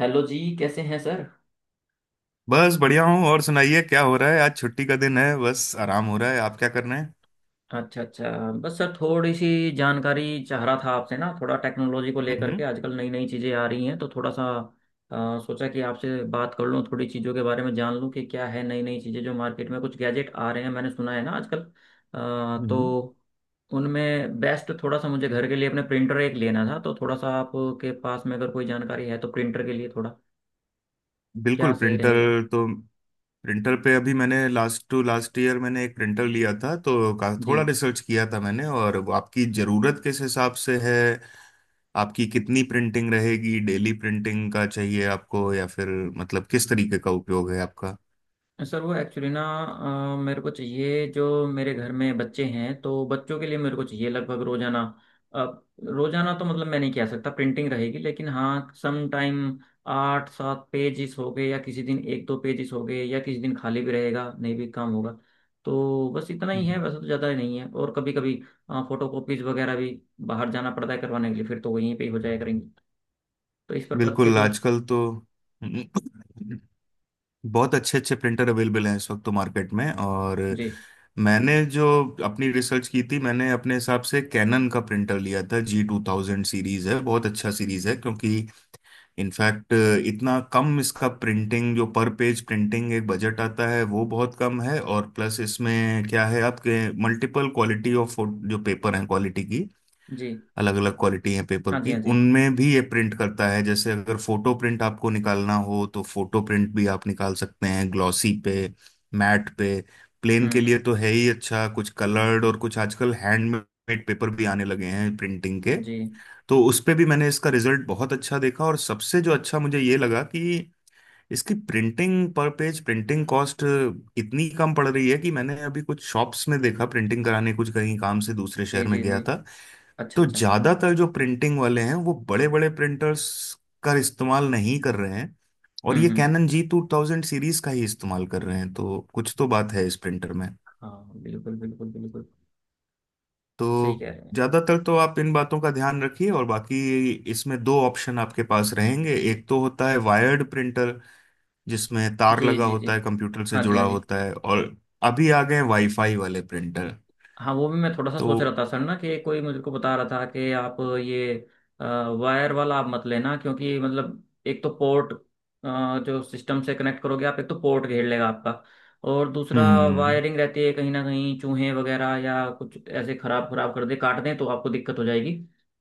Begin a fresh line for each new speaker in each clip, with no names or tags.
Hello जी, कैसे हैं सर।
बस बढ़िया हूँ। और सुनाइए, क्या हो रहा है? आज छुट्टी का दिन है, बस आराम हो रहा है। आप क्या कर रहे हैं?
अच्छा अच्छा। बस सर, थोड़ी सी जानकारी चाह रहा था आपसे ना, थोड़ा टेक्नोलॉजी को लेकर के।
हम्म।
आजकल नई नई चीज़ें आ रही हैं, तो थोड़ा सा सोचा कि आपसे बात कर लूँ, थोड़ी चीज़ों के बारे में जान लूँ कि क्या है। नई नई चीज़ें जो मार्केट में कुछ गैजेट आ रहे हैं, मैंने सुना है ना आजकल। अ,
हम्म।
तो उनमें बेस्ट थोड़ा सा, मुझे घर के लिए अपने प्रिंटर एक लेना था, तो थोड़ा सा आपके पास में अगर कोई जानकारी है तो प्रिंटर के लिए थोड़ा क्या
बिल्कुल,
सही
प्रिंटर।
रहेगा।
तो प्रिंटर पे अभी मैंने लास्ट टू लास्ट ईयर मैंने एक प्रिंटर लिया था तो का
जी।
थोड़ा रिसर्च किया था मैंने। और वो आपकी ज़रूरत किस हिसाब से है? आपकी कितनी प्रिंटिंग रहेगी? डेली प्रिंटिंग का चाहिए आपको, या फिर मतलब किस तरीके का उपयोग है आपका?
सर वो एक्चुअली ना, मेरे को चाहिए, जो मेरे घर में बच्चे हैं तो बच्चों के लिए मेरे को चाहिए लगभग रोजाना। अब रोजाना तो मतलब मैं नहीं कह सकता प्रिंटिंग रहेगी, लेकिन हाँ, सम टाइम आठ सात पेजेस हो गए, या किसी दिन एक दो पेजेस हो गए, या किसी दिन खाली भी रहेगा, नहीं भी काम होगा। तो बस इतना ही है,
हम्म।
वैसे तो ज़्यादा नहीं है। और कभी कभी फोटो कॉपीज वगैरह भी बाहर जाना पड़ता है करवाने के लिए, फिर तो वहीं पे ही हो जाया करेंगे। तो इस पर्पज से
बिल्कुल,
कोई।
आजकल तो बहुत अच्छे अच्छे प्रिंटर अवेलेबल हैं इस वक्त तो मार्केट में। और
जी
मैंने जो अपनी रिसर्च की थी, मैंने अपने हिसाब से कैनन का प्रिंटर लिया था। G2000 सीरीज है, बहुत अच्छा सीरीज है, क्योंकि इनफैक्ट इतना कम इसका प्रिंटिंग, जो पर पेज प्रिंटिंग एक बजट आता है वो बहुत कम है। और प्लस इसमें क्या है आपके मल्टीपल क्वालिटी ऑफ जो पेपर हैं, क्वालिटी की
जी।
अलग अलग क्वालिटी है पेपर
हाँ जी
की,
हाँ जी।
उनमें भी ये प्रिंट करता है। जैसे अगर फोटो प्रिंट आपको निकालना हो तो फोटो प्रिंट भी आप निकाल सकते हैं, ग्लॉसी पे, मैट पे, प्लेन
हम्म
के लिए
हम्म,
तो है ही अच्छा, कुछ कलर्ड और कुछ आजकल हैंडमेड पेपर भी आने लगे हैं प्रिंटिंग के,
जी
तो उस पे भी मैंने इसका रिजल्ट बहुत अच्छा देखा। और सबसे जो अच्छा मुझे ये लगा कि इसकी प्रिंटिंग, पर पेज प्रिंटिंग कॉस्ट इतनी कम पड़ रही है कि मैंने अभी कुछ शॉप्स में देखा प्रिंटिंग कराने, कुछ कहीं काम से दूसरे
जी
शहर में
जी जी
गया
जी।
था,
अच्छा
तो
अच्छा।
ज्यादातर जो प्रिंटिंग वाले हैं वो बड़े बड़े प्रिंटर्स का इस्तेमाल नहीं कर रहे हैं और ये
हम्म।
कैनन G2000 सीरीज का ही इस्तेमाल कर रहे हैं, तो कुछ तो बात है इस प्रिंटर में।
हाँ बिल्कुल बिल्कुल बिल्कुल। सही
तो
कह रहे हैं।
ज्यादातर तो आप इन बातों का ध्यान रखिए। और बाकी इसमें दो ऑप्शन आपके पास रहेंगे। एक तो होता है वायर्ड प्रिंटर, जिसमें तार
जी
लगा
जी जी।
होता है, कंप्यूटर से
हाँ जी
जुड़ा
हाँ जी।
होता है। और अभी आ गए वाईफाई वाले प्रिंटर।
हाँ, वो भी मैं थोड़ा सा
तो
सोच रहा था सर ना, कि कोई मुझे को बता रहा था कि आप ये वायर वाला आप मत लेना, क्योंकि मतलब एक तो पोर्ट जो सिस्टम से कनेक्ट करोगे आप, एक तो पोर्ट घेर लेगा आपका, और दूसरा
हम्म
वायरिंग रहती है कहीं ना कहीं, चूहे वगैरह या कुछ ऐसे खराब खराब कर दे, काट दें, तो आपको दिक्कत हो जाएगी,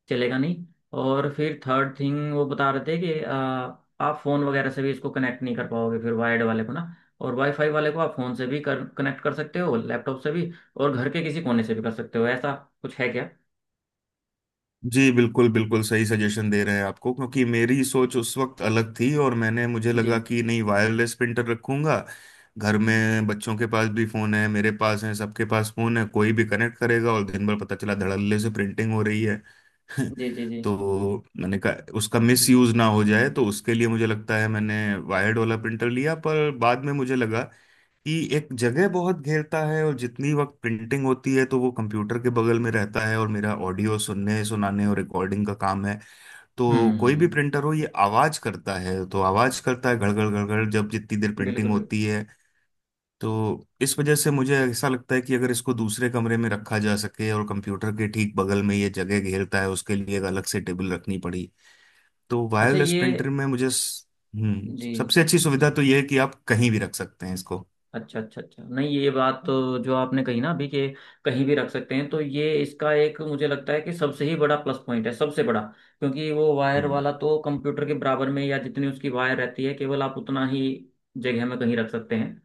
चलेगा नहीं। और फिर थर्ड थिंग वो बता रहे थे कि आप फ़ोन वगैरह से भी इसको कनेक्ट नहीं कर पाओगे फिर वायर्ड वाले को ना। और वाईफाई वाले को आप फ़ोन से भी कर कनेक्ट कर सकते हो, लैपटॉप से भी, और घर के किसी कोने से भी कर सकते हो, ऐसा कुछ है क्या।
जी, बिल्कुल बिल्कुल सही सजेशन दे रहे हैं आपको, क्योंकि मेरी सोच उस वक्त अलग थी और मैंने, मुझे
जी
लगा कि नहीं, वायरलेस प्रिंटर रखूंगा। घर में बच्चों के पास भी फोन है, मेरे पास है, सबके पास फोन है। कोई भी कनेक्ट करेगा और दिन भर पता चला धड़ल्ले से प्रिंटिंग हो रही है।
जी जी जी।
तो मैंने कहा, उसका मिस यूज ना हो जाए तो उसके लिए, मुझे लगता है मैंने वायर्ड वाला प्रिंटर लिया। पर बाद में मुझे लगा कि एक जगह बहुत घेरता है, और जितनी वक्त प्रिंटिंग होती है तो वो कंप्यूटर के बगल में रहता है, और मेरा ऑडियो सुनने सुनाने और रिकॉर्डिंग का काम है, तो कोई भी
हम्म।
प्रिंटर हो ये आवाज करता है। तो आवाज करता है घड़घड़ घड़घड़, जब जितनी देर
बिल्कुल
प्रिंटिंग
बिल्कुल।
होती है। तो इस वजह से मुझे ऐसा लगता है कि अगर इसको दूसरे कमरे में रखा जा सके, और कंप्यूटर के ठीक बगल में ये जगह घेरता है, उसके लिए एक अलग से टेबल रखनी पड़ी। तो
अच्छा
वायरलेस
ये।
प्रिंटर में मुझे
जी।
सबसे अच्छी सुविधा तो ये है कि आप कहीं भी रख सकते हैं इसको।
अच्छा अच्छा अच्छा, नहीं ये बात तो जो आपने कही ना अभी कि कहीं भी रख सकते हैं, तो ये इसका एक मुझे लगता है कि सबसे ही बड़ा प्लस पॉइंट है, सबसे बड़ा। क्योंकि वो वायर
हम्म।
वाला तो कंप्यूटर के बराबर में, या जितनी उसकी वायर रहती है केवल आप उतना ही जगह में कहीं रख सकते हैं।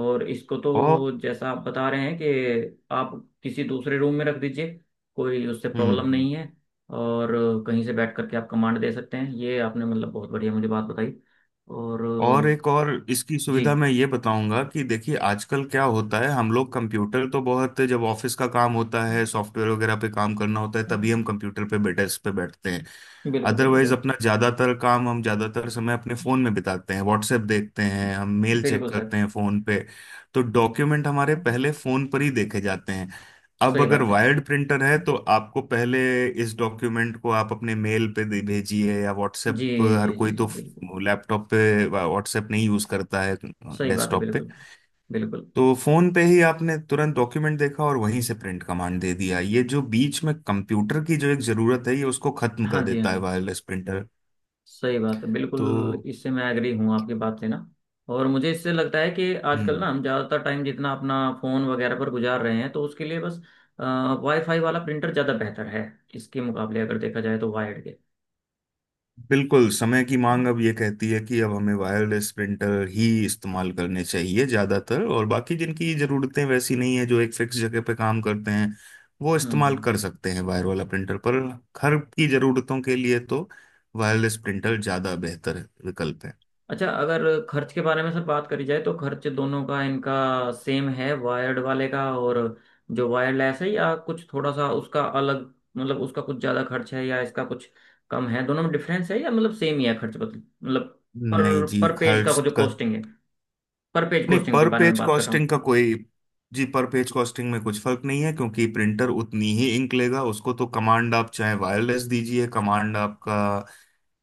और इसको
और
तो जैसा आप बता रहे हैं कि आप किसी दूसरे रूम में रख दीजिए, कोई उससे
हम्म।
प्रॉब्लम
हम्म।
नहीं है। और कहीं से बैठ करके आप कमांड दे सकते हैं, ये आपने मतलब बहुत बढ़िया मुझे बात बताई। और
और एक और इसकी सुविधा
जी
मैं ये बताऊंगा कि देखिए, आजकल क्या होता है, हम लोग कंप्यूटर तो बहुत, जब ऑफिस का काम होता है, सॉफ्टवेयर वगैरह पे काम करना होता है तभी हम कंप्यूटर पे डेस्क पे बैठते हैं।
बिल्कुल
अदरवाइज
बिल्कुल।
अपना ज्यादातर काम हम, ज्यादातर समय अपने फोन में बिताते हैं, व्हाट्सएप देखते हैं हम,
सर
मेल चेक
बिल्कुल सर।
करते हैं फोन पे, तो डॉक्यूमेंट हमारे पहले फोन पर ही देखे जाते हैं। अब
सही
अगर
बात है।
वायर्ड प्रिंटर है तो आपको पहले इस डॉक्यूमेंट को आप अपने मेल पे भेजिए, या
जी
व्हाट्सएप, हर
जी जी
कोई
जी
तो
बिल्कुल।
वो लैपटॉप पे व्हाट्सएप नहीं यूज करता है,
सही बात है
डेस्कटॉप पे।
बिल्कुल। बिल्कुल।
तो फोन पे ही आपने तुरंत डॉक्यूमेंट देखा और वहीं से प्रिंट कमांड दे दिया। ये जो बीच में कंप्यूटर की जो एक जरूरत है ये उसको खत्म
हाँ
कर
जी हाँ
देता है
जी।
Wireless printer.
सही बात है बिल्कुल,
तो
इससे मैं एग्री हूँ आपकी बात से ना। और मुझे इससे लगता है कि आजकल
हम्म
ना हम ज़्यादातर टाइम जितना अपना फ़ोन वगैरह पर गुजार रहे हैं, तो उसके लिए बस वाईफाई वाला प्रिंटर ज़्यादा बेहतर है इसके मुकाबले, अगर देखा जाए तो, वायर्ड के।
बिल्कुल, समय की
हम्म
मांग अब ये कहती है कि अब हमें वायरलेस प्रिंटर ही इस्तेमाल करने चाहिए ज़्यादातर। और बाकी जिनकी ज़रूरतें वैसी नहीं है, जो एक फिक्स जगह पे काम करते हैं, वो
हम्म
इस्तेमाल
हम्म।
कर सकते हैं वायर वाला प्रिंटर। पर घर की ज़रूरतों के लिए तो वायरलेस प्रिंटर ज़्यादा बेहतर विकल्प है।
अच्छा, अगर खर्च के बारे में सर बात करी जाए, तो खर्च दोनों का इनका सेम है, वायर्ड वाले का और जो वायरलेस है, या कुछ थोड़ा सा उसका अलग, मतलब उसका कुछ ज़्यादा खर्च है या इसका कुछ कम है, दोनों में डिफरेंस है या मतलब सेम ही है, खर्च बदल मतलब
नहीं
पर
जी,
पर पेज का
खर्च
जो
का
कॉस्टिंग है। पर पेज
नहीं,
कॉस्टिंग के
पर
बारे में
पेज
बात कर रहा
कॉस्टिंग
हूँ।
का कोई, जी, पर पेज कॉस्टिंग में कुछ फर्क नहीं है, क्योंकि प्रिंटर उतनी ही इंक लेगा। उसको तो कमांड आप चाहे वायरलेस दीजिए, कमांड आपका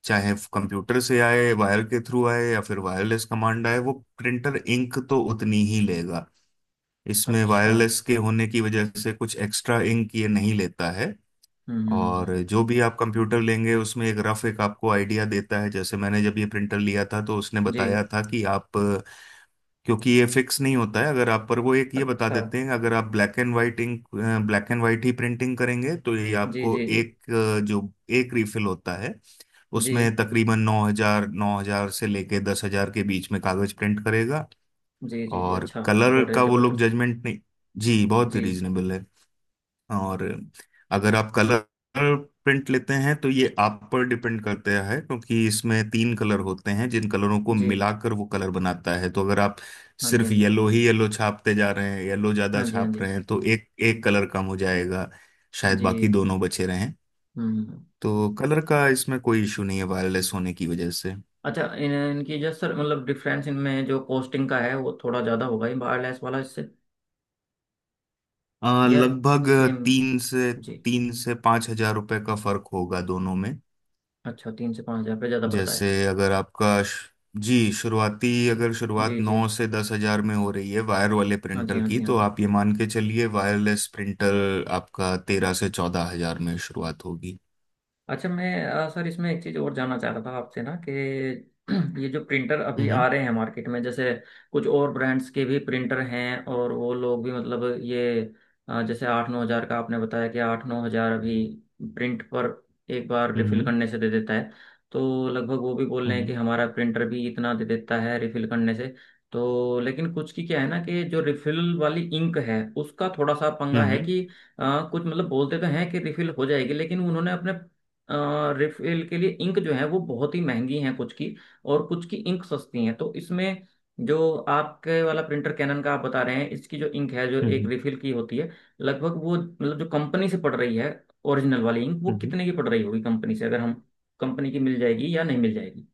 चाहे कंप्यूटर से आए, वायर के थ्रू आए, या फिर वायरलेस कमांड आए, वो प्रिंटर इंक तो उतनी ही लेगा। इसमें
अच्छा।
वायरलेस के होने की वजह से कुछ एक्स्ट्रा इंक ये नहीं लेता है।
हम्म हम्म
और
हम्म,
जो भी आप कंप्यूटर लेंगे उसमें एक रफ एक आपको आइडिया देता है। जैसे मैंने जब ये प्रिंटर लिया था तो उसने
जी।
बताया था कि आप, क्योंकि ये फिक्स नहीं होता है, अगर आप, पर वो एक ये बता
अच्छा।
देते हैं, अगर आप black and white ink, black and white ही प्रिंटिंग करेंगे तो ये
जी
आपको
जी जी
एक जो एक रीफिल होता है
जी
उसमें तकरीबन 9,000 से लेके 10,000 के बीच में कागज प्रिंट करेगा।
जी जी जी।
और
अच्छा।
कलर
बड़े
का वो लोग
जबरदस्त।
जजमेंट नहीं, जी बहुत
जी
रीजनेबल है। और अगर आप कलर प्रिंट लेते हैं तो ये आप पर डिपेंड करता है, क्योंकि इसमें तीन कलर होते हैं जिन कलरों को
जी।
मिलाकर वो कलर बनाता है। तो अगर आप
हाँ जी हाँ
सिर्फ
जी।
येलो ही येलो छापते जा रहे हैं, येलो ज्यादा
हाँ जी। हाँ
छाप
जी
रहे हैं, तो एक एक कलर कम हो जाएगा, शायद बाकी
जी।
दोनों बचे रहें।
हम्म।
तो कलर का इसमें कोई इशू नहीं है वायरलेस होने की वजह से।
अच्छा, इन इनकी जो सर मतलब डिफरेंस इनमें जो कॉस्टिंग का है वो थोड़ा ज़्यादा होगा ही वायरलेस वाला इससे, या
लगभग
सेम।
तीन से
जी।
3,000 से 5,000 रुपए का फर्क होगा दोनों में।
अच्छा, 3 से 5 हज़ार रुपये ज़्यादा पड़ता है।
जैसे अगर आपका जी, शुरुआती,
जी
अगर शुरुआत
जी जी।
9,000 से 10,000 में हो रही है वायर वाले
हाँ जी
प्रिंटर
हाँ
की,
जी हाँ
तो
जी।
आप ये मान के चलिए वायरलेस प्रिंटर आपका 13,000 से 14,000 में शुरुआत होगी।
अच्छा मैं सर इसमें एक चीज़ और जानना चाह रहा था आपसे ना कि ये जो प्रिंटर अभी आ
हम्म।
रहे हैं मार्केट में, जैसे कुछ और ब्रांड्स के भी प्रिंटर हैं और वो लोग भी मतलब ये जैसे 8-9 हज़ार का आपने बताया कि 8-9 हज़ार अभी प्रिंट पर एक बार रिफिल
हम्म।
करने से दे देता है, तो लगभग वो भी बोल रहे हैं कि
हम्म।
हमारा प्रिंटर भी इतना दे देता है रिफिल करने से। तो लेकिन कुछ की क्या है ना कि जो रिफिल वाली इंक है उसका थोड़ा सा पंगा है
हम्म।
कि कुछ मतलब बोलते तो हैं कि रिफिल हो जाएगी, लेकिन उन्होंने अपने रिफिल के लिए इंक जो है वो बहुत ही महंगी हैं कुछ की, और कुछ की इंक सस्ती हैं। तो इसमें जो आपके वाला प्रिंटर कैनन का आप बता रहे हैं, इसकी जो इंक है जो एक
हम्म।
रिफिल की होती है, लगभग वो मतलब जो कंपनी से पड़ रही है, ओरिजिनल वाली इंक वो
हम्म।
कितने की पड़ रही होगी कंपनी से, अगर हम कंपनी की मिल जाएगी या नहीं मिल जाएगी।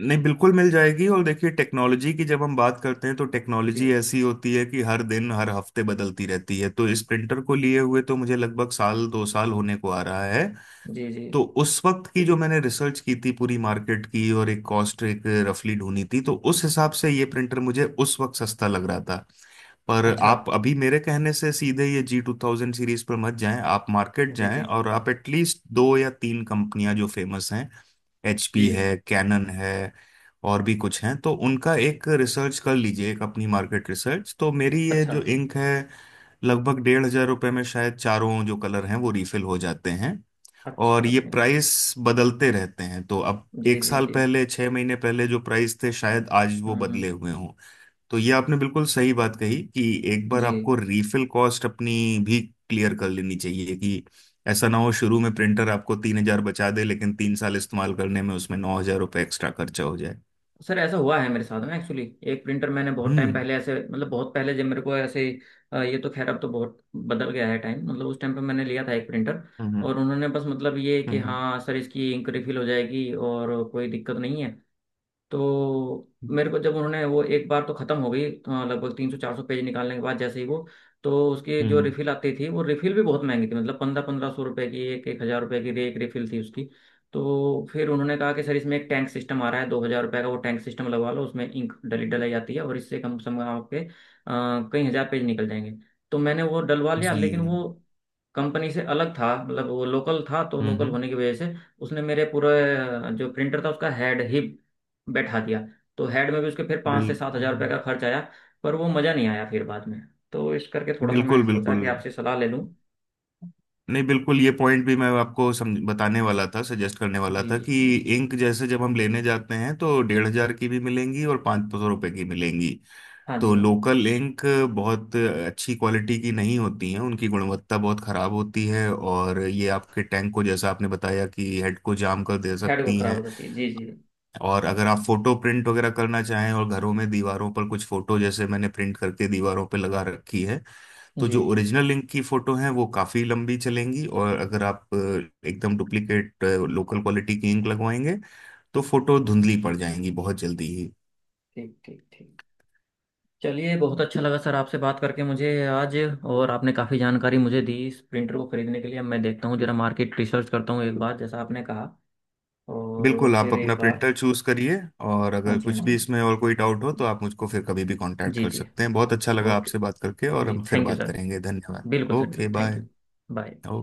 नहीं, बिल्कुल मिल जाएगी। और देखिए, टेक्नोलॉजी की जब हम बात करते हैं तो
जी
टेक्नोलॉजी ऐसी होती है कि हर दिन हर हफ्ते बदलती रहती है। तो इस प्रिंटर को लिए हुए तो मुझे लगभग साल 2 साल होने को आ रहा है।
जी जी।
तो उस वक्त की जो मैंने रिसर्च की थी पूरी मार्केट की, और एक कॉस्ट एक रफली ढूंढी थी, तो उस हिसाब से ये प्रिंटर मुझे उस वक्त सस्ता लग रहा था। पर
अच्छा।
आप अभी मेरे कहने से सीधे ये G2000 सीरीज पर मत जाएं। आप मार्केट
जी
जाएं
जी
और आप एटलीस्ट दो या तीन कंपनियां जो फेमस हैं,
जी।
एचपी है, कैनन है, और भी कुछ हैं, तो उनका एक रिसर्च कर लीजिए, एक अपनी मार्केट रिसर्च। तो मेरी ये
अच्छा
जो इंक है, लगभग 1,500 रुपये में शायद चारों जो कलर हैं वो रिफिल हो जाते हैं। और
अच्छा।
ये प्राइस बदलते रहते हैं, तो अब
जी
एक
जी
साल
जी।
पहले, 6 महीने पहले जो प्राइस थे शायद आज वो
हम्म।
बदले हुए हों। तो ये आपने बिल्कुल सही बात कही कि एक बार आपको
जी।
रीफिल कॉस्ट अपनी भी क्लियर कर लेनी चाहिए, कि ऐसा ना हो शुरू में प्रिंटर आपको 3,000 बचा दे लेकिन 3 साल इस्तेमाल करने में उसमें 9,000 रुपये एक्स्ट्रा खर्चा हो जाए।
सर ऐसा हुआ है मेरे साथ में, एक्चुअली एक प्रिंटर मैंने बहुत टाइम
हम्म।
पहले ऐसे, मतलब बहुत पहले जब मेरे को ऐसे ये तो खैर अब तो बहुत बदल गया है टाइम, मतलब उस टाइम पे मैंने लिया था एक प्रिंटर,
हम्म। हम्म।
और उन्होंने बस मतलब ये
हम्म।
कि
हम्म।
हाँ सर, इसकी इंक रिफिल हो जाएगी और कोई दिक्कत नहीं है। तो मेरे को जब उन्होंने वो एक बार तो ख़त्म हो गई लगभग 300-400 पेज निकालने के बाद, जैसे ही वो, तो उसकी
हम्म।
जो
हम्म।
रिफ़िल आती थी वो रिफ़िल भी बहुत महंगी थी, मतलब 1500-1500 रुपये की, 1000-1000 रुपये की एक रिफ़िल थी उसकी। तो फिर उन्होंने कहा कि सर इसमें एक टैंक सिस्टम आ रहा है 2,000 रुपये का, वो टैंक सिस्टम लगवा लो, उसमें इंक डली डलाई जाती है, और इससे कम से कम आपके कई हज़ार पेज निकल जाएंगे। तो मैंने वो डलवा लिया,
जी।
लेकिन वो कंपनी से अलग था, मतलब वो लोकल था, तो
हम्म।
लोकल
हम्म।
होने की वजह से उसने मेरे पूरे जो प्रिंटर था उसका हेड ही बैठा दिया। तो हेड में भी उसके फिर पाँच से सात
बिल्कुल
हजार रुपये का खर्च आया, पर वो मज़ा नहीं आया फिर बाद में। तो इस करके थोड़ा सा मैं
बिल्कुल
सोचा
बिल्कुल।
कि आपसे सलाह ले लूँ।
नहीं, बिल्कुल, ये पॉइंट भी मैं आपको समझ बताने वाला था, सजेस्ट करने वाला
जी
था,
जी
कि
जी।
इंक जैसे जब हम लेने जाते हैं तो 1,500 की भी मिलेंगी और 500 रुपए की मिलेंगी।
हाँ
तो
जी हाँ जी।
लोकल इंक बहुत अच्छी क्वालिटी की नहीं होती हैं, उनकी गुणवत्ता बहुत खराब होती है, और ये आपके टैंक को, जैसा आपने बताया कि हेड को जाम कर दे
हेड को
सकती
खराब हो
हैं।
जाती है, जी जी।
और अगर आप फोटो प्रिंट वगैरह करना चाहें, और घरों में दीवारों पर कुछ फोटो, जैसे मैंने प्रिंट करके दीवारों पर लगा रखी है, तो जो
जी।
ओरिजिनल लिंक की फोटो है वो काफी लंबी चलेंगी। और अगर आप एकदम डुप्लीकेट लोकल क्वालिटी की इंक लगवाएंगे, तो फोटो धुंधली पड़ जाएंगी बहुत जल्दी ही।
ठीक ठीक ठीक। चलिए बहुत अच्छा लगा सर आपसे बात करके मुझे आज, और आपने काफ़ी जानकारी मुझे दी इस प्रिंटर को खरीदने के लिए। अब मैं देखता हूँ जरा, मार्केट रिसर्च करता हूँ एक बार जैसा आपने कहा, और
बिल्कुल, आप
फिर
अपना
एक बार।
प्रिंटर चूज करिए, और
हाँ
अगर
जी हाँ
कुछ भी
जी।
इसमें और कोई डाउट हो तो आप मुझको फिर कभी भी कांटेक्ट
जी
कर
जी।
सकते हैं। बहुत अच्छा लगा
ओके।
आपसे बात करके, और
जी
हम फिर
थैंक यू
बात
सर।
करेंगे। धन्यवाद।
बिल्कुल सर
ओके,
बिल्कुल, थैंक यू।
बाय।
बाय।